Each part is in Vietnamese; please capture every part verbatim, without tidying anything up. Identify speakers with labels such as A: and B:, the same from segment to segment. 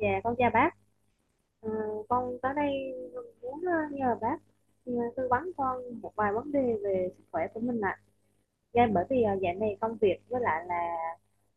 A: Dạ, con chào bác. Ờ, con tới đây muốn ờ, nhờ bác ờ, tư vấn con một vài vấn đề về sức khỏe của mình ạ. Dạ, bởi vì ờ, dạo này công việc với lại là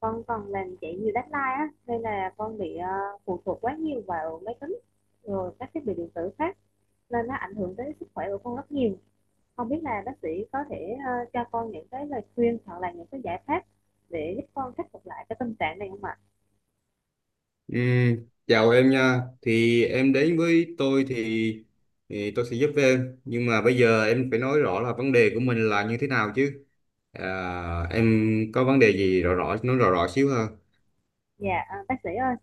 A: con còn làm chạy nhiều deadline á, nên là con bị ờ, phụ thuộc quá nhiều vào máy tính rồi các thiết bị điện tử khác, nên nó ảnh hưởng tới sức khỏe của con rất nhiều. Không biết là bác sĩ có thể ờ, cho con những cái lời khuyên hoặc là những cái giải pháp để giúp con khắc phục lại cái tình trạng này không ạ?
B: Ừm, Chào em nha. Thì em đến với tôi thì, thì tôi sẽ giúp em. Nhưng mà bây giờ em phải nói rõ là vấn đề của mình là như thế nào chứ. À, em có vấn đề gì rõ rõ nói rõ rõ xíu ha.
A: Dạ, ờ, bác sĩ ơi.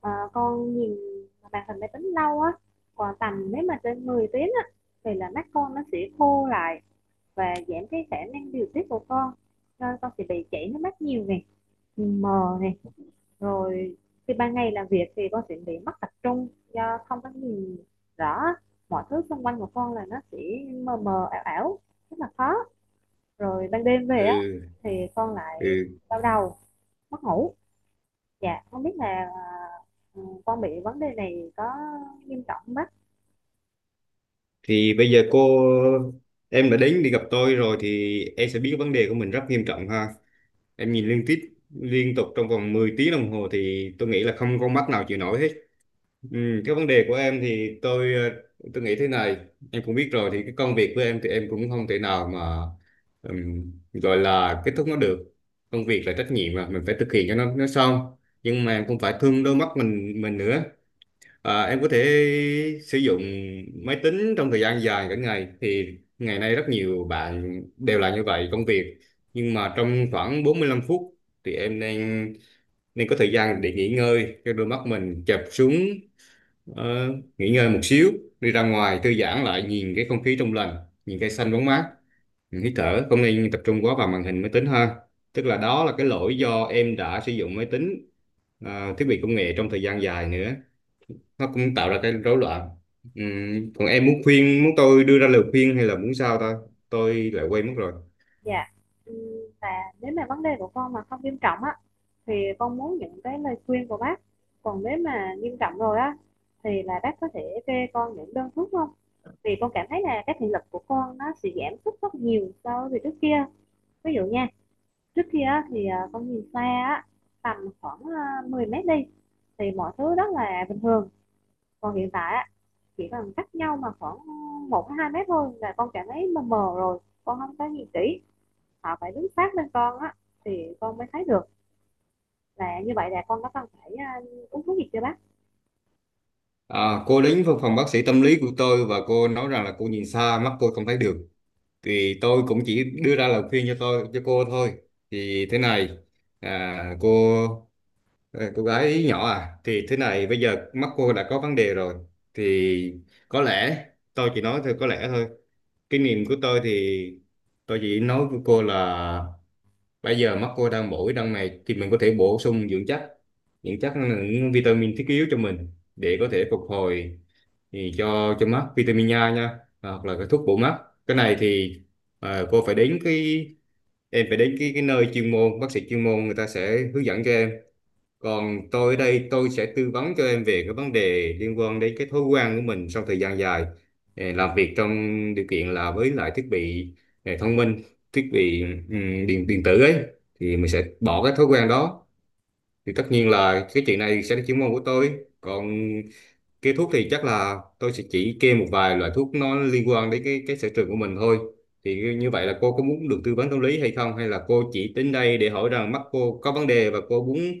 A: Ờ, con nhìn màn hình máy tính lâu á, còn tầm nếu mà trên mười tiếng á thì là mắt con nó sẽ khô lại và giảm cái khả năng điều tiết của con, nên con sẽ bị chảy nước mắt nhiều này, nhìn mờ này, rồi khi ban ngày làm việc thì con sẽ bị mất tập trung do không có nhìn rõ mọi thứ xung quanh của con, là nó sẽ mờ mờ ảo ảo, rất là khó. Rồi ban đêm về á
B: Ừ,
A: thì con lại
B: ừ.
A: đau đầu, mất ngủ. Dạ, không biết là ờ, con bị vấn đề này có nghiêm trọng không bác?
B: Thì bây giờ cô em đã đến đi gặp tôi rồi thì em sẽ biết vấn đề của mình rất nghiêm trọng ha. Em nhìn liên tiếp liên tục trong vòng mười tiếng đồng hồ thì tôi nghĩ là không con mắt nào chịu nổi hết. Ừ, cái vấn đề của em thì tôi ờ, tôi nghĩ thế này, em cũng biết rồi thì cái công việc của em thì em cũng không thể nào mà ừm, gọi là kết thúc nó được. Công việc là trách nhiệm mà mình phải thực hiện cho nó nó xong, nhưng mà em cũng phải thương đôi mắt mình mình nữa. À, em có thể sử dụng máy tính trong thời gian dài cả ngày thì ngày nay rất nhiều bạn đều là như vậy, công việc, nhưng mà trong khoảng bốn mươi lăm phút thì em nên nên có thời gian để nghỉ ngơi cho đôi mắt mình chập xuống. ờ, Nghỉ ngơi một xíu, đi ra ngoài thư giãn lại, nhìn cái không khí trong lành, nhìn cây xanh bóng mát, mình hít thở, không nên tập trung quá vào màn hình máy tính ha. Tức là đó là cái lỗi do em đã sử dụng máy tính, à, thiết bị công nghệ trong thời gian dài nữa, nó cũng tạo ra cái rối loạn. Ừm, còn em muốn khuyên muốn tôi đưa ra lời khuyên hay là muốn sao ta, tôi lại quên mất rồi.
A: Dạ. Ừm, và nếu mà vấn đề của con mà không nghiêm trọng á, thì con muốn những cái lời khuyên của bác. Còn nếu mà nghiêm trọng rồi á, thì là bác có thể kê con những đơn thuốc không? Vì con cảm thấy là cái thị lực của con nó sẽ giảm sút rất nhiều so với trước kia. Ví dụ nha, trước kia á, thì ờ, con nhìn xa á, tầm khoảng ờ, 10 mét đi, thì mọi thứ rất là bình thường. Còn hiện tại á, chỉ cần cách nhau mà khoảng một hai mét thôi là con cảm thấy mờ mờ, rồi con không có nhìn kỹ, họ phải đứng sát bên con á thì con mới thấy được. Là như vậy là con có cần phải à, uống thuốc gì chưa bác?
B: À, cô đến văn phòng bác sĩ tâm lý của tôi và cô nói rằng là cô nhìn xa mắt cô không thấy được, thì tôi cũng chỉ đưa ra lời khuyên cho tôi cho cô thôi. Thì thế này, à, cô à, cô gái nhỏ à, thì thế này, bây giờ mắt cô đã có vấn đề rồi, thì có lẽ, tôi chỉ nói thôi, có lẽ thôi, kinh nghiệm của tôi thì tôi chỉ nói với cô là bây giờ mắt cô đang bổ đang này thì mình có thể bổ sung dưỡng chất. Dưỡng chất là những vitamin thiết yếu cho mình để có thể phục hồi, thì cho cho mắt vitamin A nha, à, hoặc là cái thuốc bổ mắt. Cái này thì, à, cô phải đến cái em phải đến cái cái nơi chuyên môn, bác sĩ chuyên môn người ta sẽ hướng dẫn cho em. Còn tôi ở đây tôi sẽ tư vấn cho em về cái vấn đề liên quan đến cái thói quen của mình sau thời gian dài eh, làm việc trong điều kiện là với lại thiết bị eh, thông minh, thiết bị ừm, điện điện tử ấy, thì mình sẽ bỏ cái thói quen đó. Thì tất nhiên là cái chuyện này sẽ là chuyên môn của tôi. Còn cái thuốc thì chắc là tôi sẽ chỉ kê một vài loại thuốc nó liên quan đến cái cái sở trường của mình thôi. Thì như vậy là cô có muốn được tư vấn tâm lý hay không, hay là cô chỉ đến đây để hỏi rằng mắt cô có vấn đề và cô muốn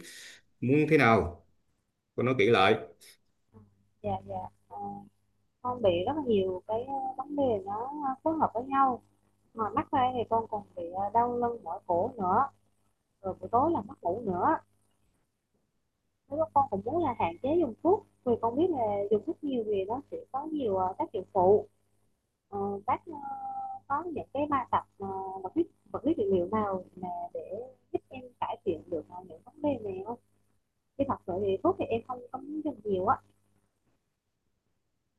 B: muốn thế nào? Tôi nói kỹ lại.
A: Dạ, dạ. Ờ, con bị rất là nhiều cái ờ, vấn đề, nó ờ, phối hợp với nhau mà mắc ra, thì con còn bị ờ, đau lưng mỏi cổ nữa, rồi buổi tối là mất ngủ nữa. Nếu mà con cũng muốn là hạn chế dùng thuốc, vì con biết là dùng thuốc nhiều thì nó sẽ có nhiều ờ, tác dụng phụ. Ờ, bác ờ, có những cái bài tập ờ, vật lý vật lý trị liệu nào mà để giúp em cải thiện được ờ, những vấn đề này không? Khi thật sự thì thuốc thì em không không dùng nhiều á.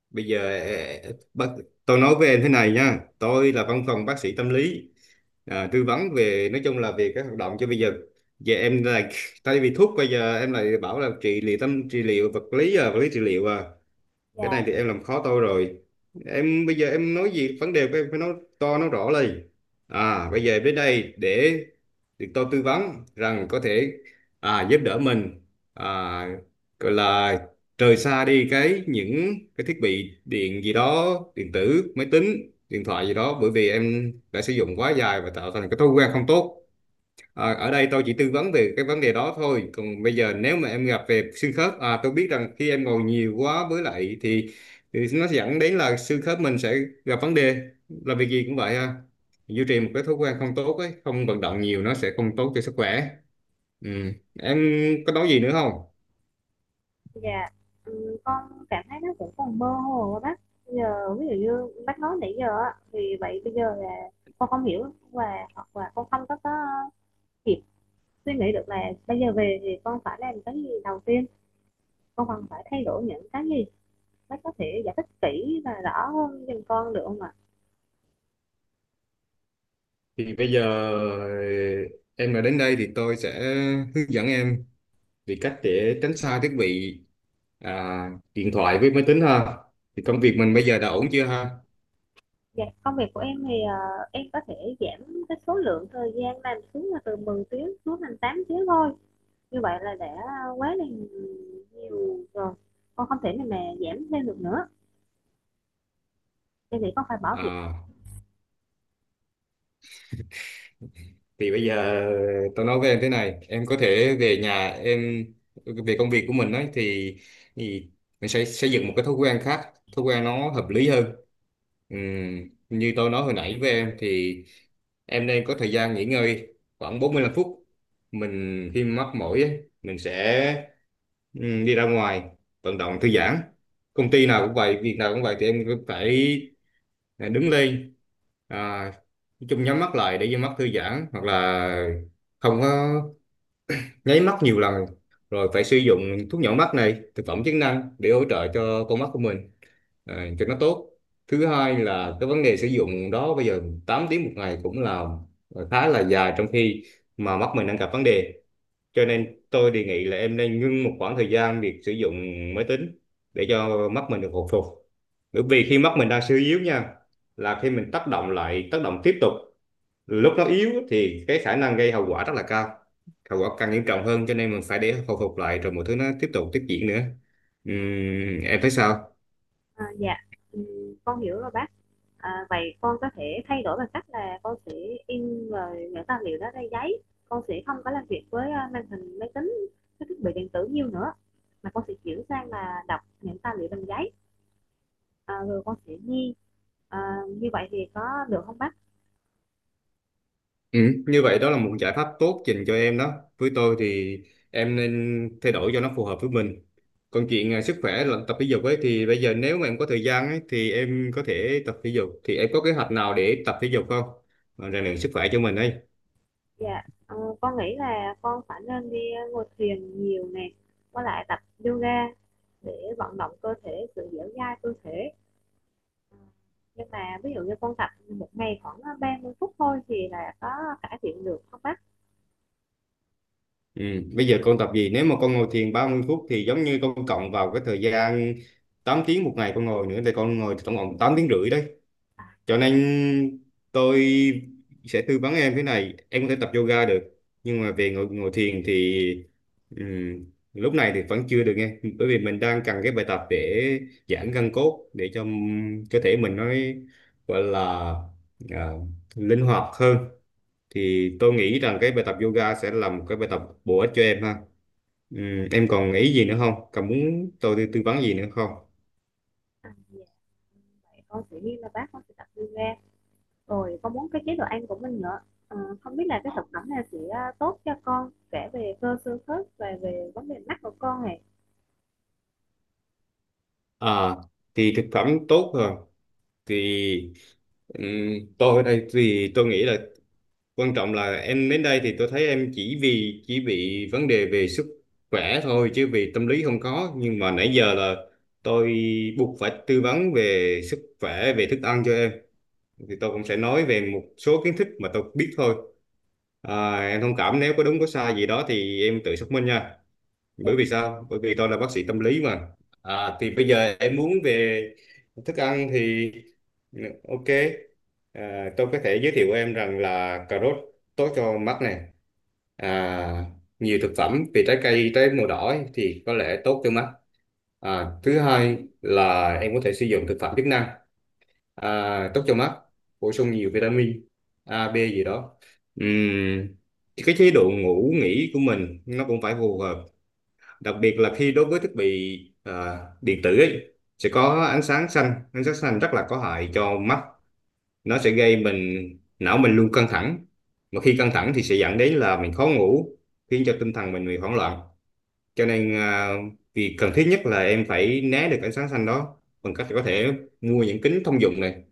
B: Bây giờ ờ, bác, tôi nói với em thế này nha. Tôi là văn phòng bác sĩ tâm lý. À, tư vấn về nói chung là về các hoạt động cho bây giờ. Giờ em lại, tại vì thuốc bây giờ em lại bảo là trị liệu tâm, trị liệu vật lý, à, vật lý trị liệu à.
A: Dạ,
B: Cái này thì em làm khó tôi rồi. Em bây giờ em nói gì vấn đề của em phải nói to nói rõ lên. À, bây giờ em đến đây để được tôi tư vấn rằng có thể à, giúp đỡ mình, à, gọi là rời xa đi cái những cái thiết bị điện gì đó, điện tử, máy tính, điện thoại gì đó, bởi vì em đã sử dụng quá dài và tạo thành cái thói quen không tốt. Ờ, ở đây tôi chỉ tư vấn về cái vấn đề đó thôi. Còn bây giờ nếu mà em gặp về xương khớp, à, tôi biết rằng khi em ngồi nhiều quá với lại thì, thì nó sẽ dẫn đến là xương khớp mình sẽ gặp vấn đề. Là việc gì cũng vậy ha. Duy trì một cái thói quen không tốt ấy, không vận động nhiều, nó sẽ không tốt cho sức khỏe. Ừ. Em có nói gì nữa không?
A: dạ. Ừ, con cảm thấy nó cũng còn mơ hồ á bác. Bây giờ ví dụ như bác nói nãy giờ á, thì vậy bây giờ là con không hiểu, và hoặc là con không có có kịp suy nghĩ được là bây giờ về thì con phải làm cái gì đầu tiên, con cần phải thay đổi những cái gì. Bác có thể giải thích kỹ và rõ hơn giùm con được không ạ?
B: Thì bây giờ em đã đến đây thì tôi sẽ hướng dẫn em về cách để tránh xa thiết bị, à, điện thoại với máy tính ha. Thì công việc mình bây giờ đã ổn chưa ha?
A: Dạ, công việc của em thì ờ, em có thể giảm cái số lượng thời gian làm xuống, là từ mười tiếng xuống thành tám tiếng thôi. Như vậy là đã quá là nhiều rồi. Con không thể nào mà giảm thêm được nữa. Em nghĩ con phải bỏ việc.
B: À, thì bây giờ tao nói với em thế này, em có thể về nhà em, về công việc của mình ấy thì, thì mình sẽ xây dựng một cái thói quen khác, thói quen nó hợp lý hơn. Ừm, như tôi nói hồi nãy với em thì em nên có thời gian nghỉ ngơi khoảng bốn mươi lăm phút. Mình khi mắc mỏi ấy, mình sẽ ừm, đi ra ngoài vận động thư giãn. Công ty nào cũng vậy, việc nào cũng vậy, thì em phải, này, đứng lên, à, nói chung nhắm mắt lại để cho mắt thư giãn, hoặc là không có, nháy mắt nhiều lần, rồi phải sử dụng thuốc nhỏ mắt này, thực phẩm chức năng để hỗ trợ cho con mắt của mình, à, cho nó tốt. Thứ hai là cái vấn đề sử dụng đó, bây giờ tám tiếng một ngày cũng là khá là dài, trong khi mà mắt mình đang gặp vấn đề, cho nên tôi đề nghị là em nên ngưng một khoảng thời gian việc sử dụng máy tính để cho mắt mình được hồi phục. Bởi vì khi mắt mình đang suy yếu nha, là khi mình tác động lại, tác động tiếp tục lúc nó yếu thì cái khả năng gây hậu quả rất là cao, hậu quả càng nghiêm trọng hơn, cho nên mình phải để hồi phục lại rồi mọi thứ nó tiếp tục tiếp diễn nữa. Ừm, em thấy sao?
A: À, dạ, Ừm, con hiểu rồi bác. À, vậy con có thể thay đổi bằng cách là con sẽ in rồi những tài liệu đó ra giấy. Con sẽ không có làm việc với ờ, màn hình máy tính, cái thiết bị điện tử nhiều nữa. Mà con sẽ chuyển sang là đọc những tài liệu bằng giấy. À, rồi con sẽ đi, à, như vậy thì có được không bác?
B: Ừ, như vậy đó là một giải pháp tốt dành cho em đó. Với tôi thì em nên thay đổi cho nó phù hợp với mình. Còn chuyện à, sức khỏe là tập thể dục ấy, thì bây giờ nếu mà em có thời gian ấy thì em có thể tập thể dục. Thì em có kế hoạch nào để tập thể dục không? Mà rèn luyện sức khỏe cho mình ấy.
A: Dạ, ờ, con nghĩ là con phải nên đi ờ, ngồi thuyền nhiều nè, với lại tập yoga để vận động cơ thể, sự dẻo dai cơ thể. Ờ, nhưng mà ví dụ như con tập một ngày khoảng ờ, ba mươi phút thôi thì là có cải thiện được không bác?
B: Ừ. Bây giờ con tập gì? Nếu mà con ngồi thiền ba mươi phút thì giống như con cộng vào cái thời gian tám tiếng một ngày con ngồi nữa, thì con ngồi tổng cộng tám tiếng rưỡi đấy. Cho nên tôi sẽ tư vấn em thế này, em có thể tập yoga được, nhưng mà về ngồi ngồi thiền thì ừm, lúc này thì vẫn chưa được nghe, bởi vì mình đang cần cái bài tập để giãn gân cốt, để cho ừm, cơ thể mình nó gọi là à, linh hoạt hơn. Thì tôi nghĩ rằng cái bài tập yoga sẽ là một cái bài tập bổ ích cho em ha. Ừm, em còn ý gì nữa không? Còn muốn tôi tư tư vấn gì nữa không?
A: À, dạ. Vậy con sẽ ghi là bác, con sẽ tập yoga, rồi con muốn cái chế độ ăn của mình nữa. Ờ, không biết là cái thực phẩm này sẽ ờ, tốt cho con kể về cơ xương khớp và về vấn đề mắt của con này?
B: À, thì thực phẩm tốt rồi. Thì ừm, tôi ở đây thì tôi nghĩ là quan trọng là em đến đây thì tôi thấy em chỉ vì chỉ bị vấn đề về sức khỏe thôi chứ vì tâm lý không có, nhưng mà nãy giờ là tôi buộc phải tư vấn về sức khỏe, về thức ăn cho em, thì tôi cũng sẽ nói về một số kiến thức mà tôi biết thôi. À, em thông cảm nếu có đúng có sai gì đó thì em tự xác minh nha.
A: Dạ.
B: Bởi vì sao? Bởi vì tôi là bác sĩ tâm lý mà. À, thì bây giờ em muốn về thức ăn thì ok, à, tôi có thể giới thiệu em rằng là cà rốt tốt cho mắt này, à, nhiều thực phẩm về trái cây, trái màu đỏ ấy, thì có lẽ tốt cho mắt. À, thứ hai là em có thể sử dụng thực phẩm chức năng à, tốt cho mắt, bổ sung nhiều vitamin A B gì đó. Ừm, cái chế độ ngủ nghỉ của mình nó cũng phải phù hợp, đặc biệt là khi đối với thiết bị à, điện tử ấy, sẽ có ánh sáng xanh, ánh sáng xanh rất là có hại cho mắt, nó sẽ gây mình, não mình luôn căng thẳng, mà khi căng thẳng thì sẽ dẫn đến là mình khó ngủ, khiến cho tinh thần mình bị hoảng loạn, cho nên à, việc cần thiết nhất là em phải né được ánh sáng xanh đó, bằng cách có thể mua những kính thông dụng này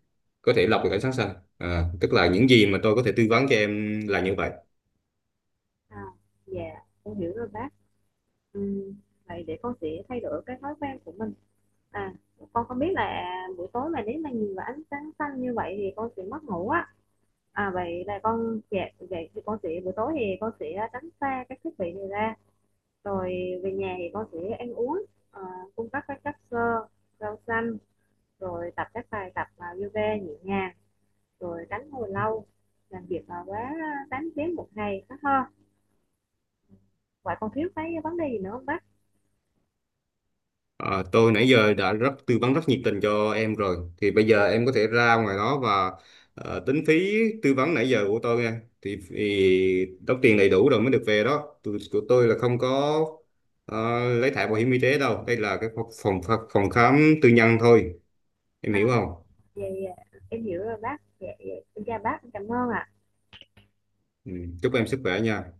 B: có thể lọc được ánh sáng xanh. À, tức là những gì mà tôi có thể tư vấn cho em là như vậy.
A: À, dạ, con hiểu rồi bác. Ừm, Vậy để con sẽ thay đổi cái thói quen của mình. À, con không biết là buổi tối mà nếu mà nhìn vào ánh sáng xanh như vậy thì con sẽ mất ngủ á. À, vậy là con, dạ, vậy thì con sẽ, buổi tối thì con sẽ tránh xa các thiết bị này ra. Rồi về nhà thì con sẽ ăn uống, à, cung cấp các chất xơ, rau xanh, rồi tập các bài tập à, yoga nhẹ nhàng, rồi tránh ngồi lâu, làm việc mà quá 8 tiếng một ngày đó ha. Vậy con thiếu cái vấn đề gì nữa không bác?
B: Ờ, tôi nãy giờ đã rất tư vấn rất nhiệt tình cho em rồi, thì bây giờ em có thể ra ngoài đó và ờ, tính phí tư vấn nãy giờ của tôi nha, thì, thì đóng tiền đầy đủ rồi mới được về đó. Tôi, của tôi là không có ờ, lấy thẻ bảo hiểm y tế đâu, đây là cái phòng phòng phòng khám tư nhân thôi, em hiểu không?
A: Dạ, dạ, em hiểu rồi bác. Dạ, dạ, em chào bác, em cảm ơn ạ.
B: Ừ. Chúc em sức khỏe nha.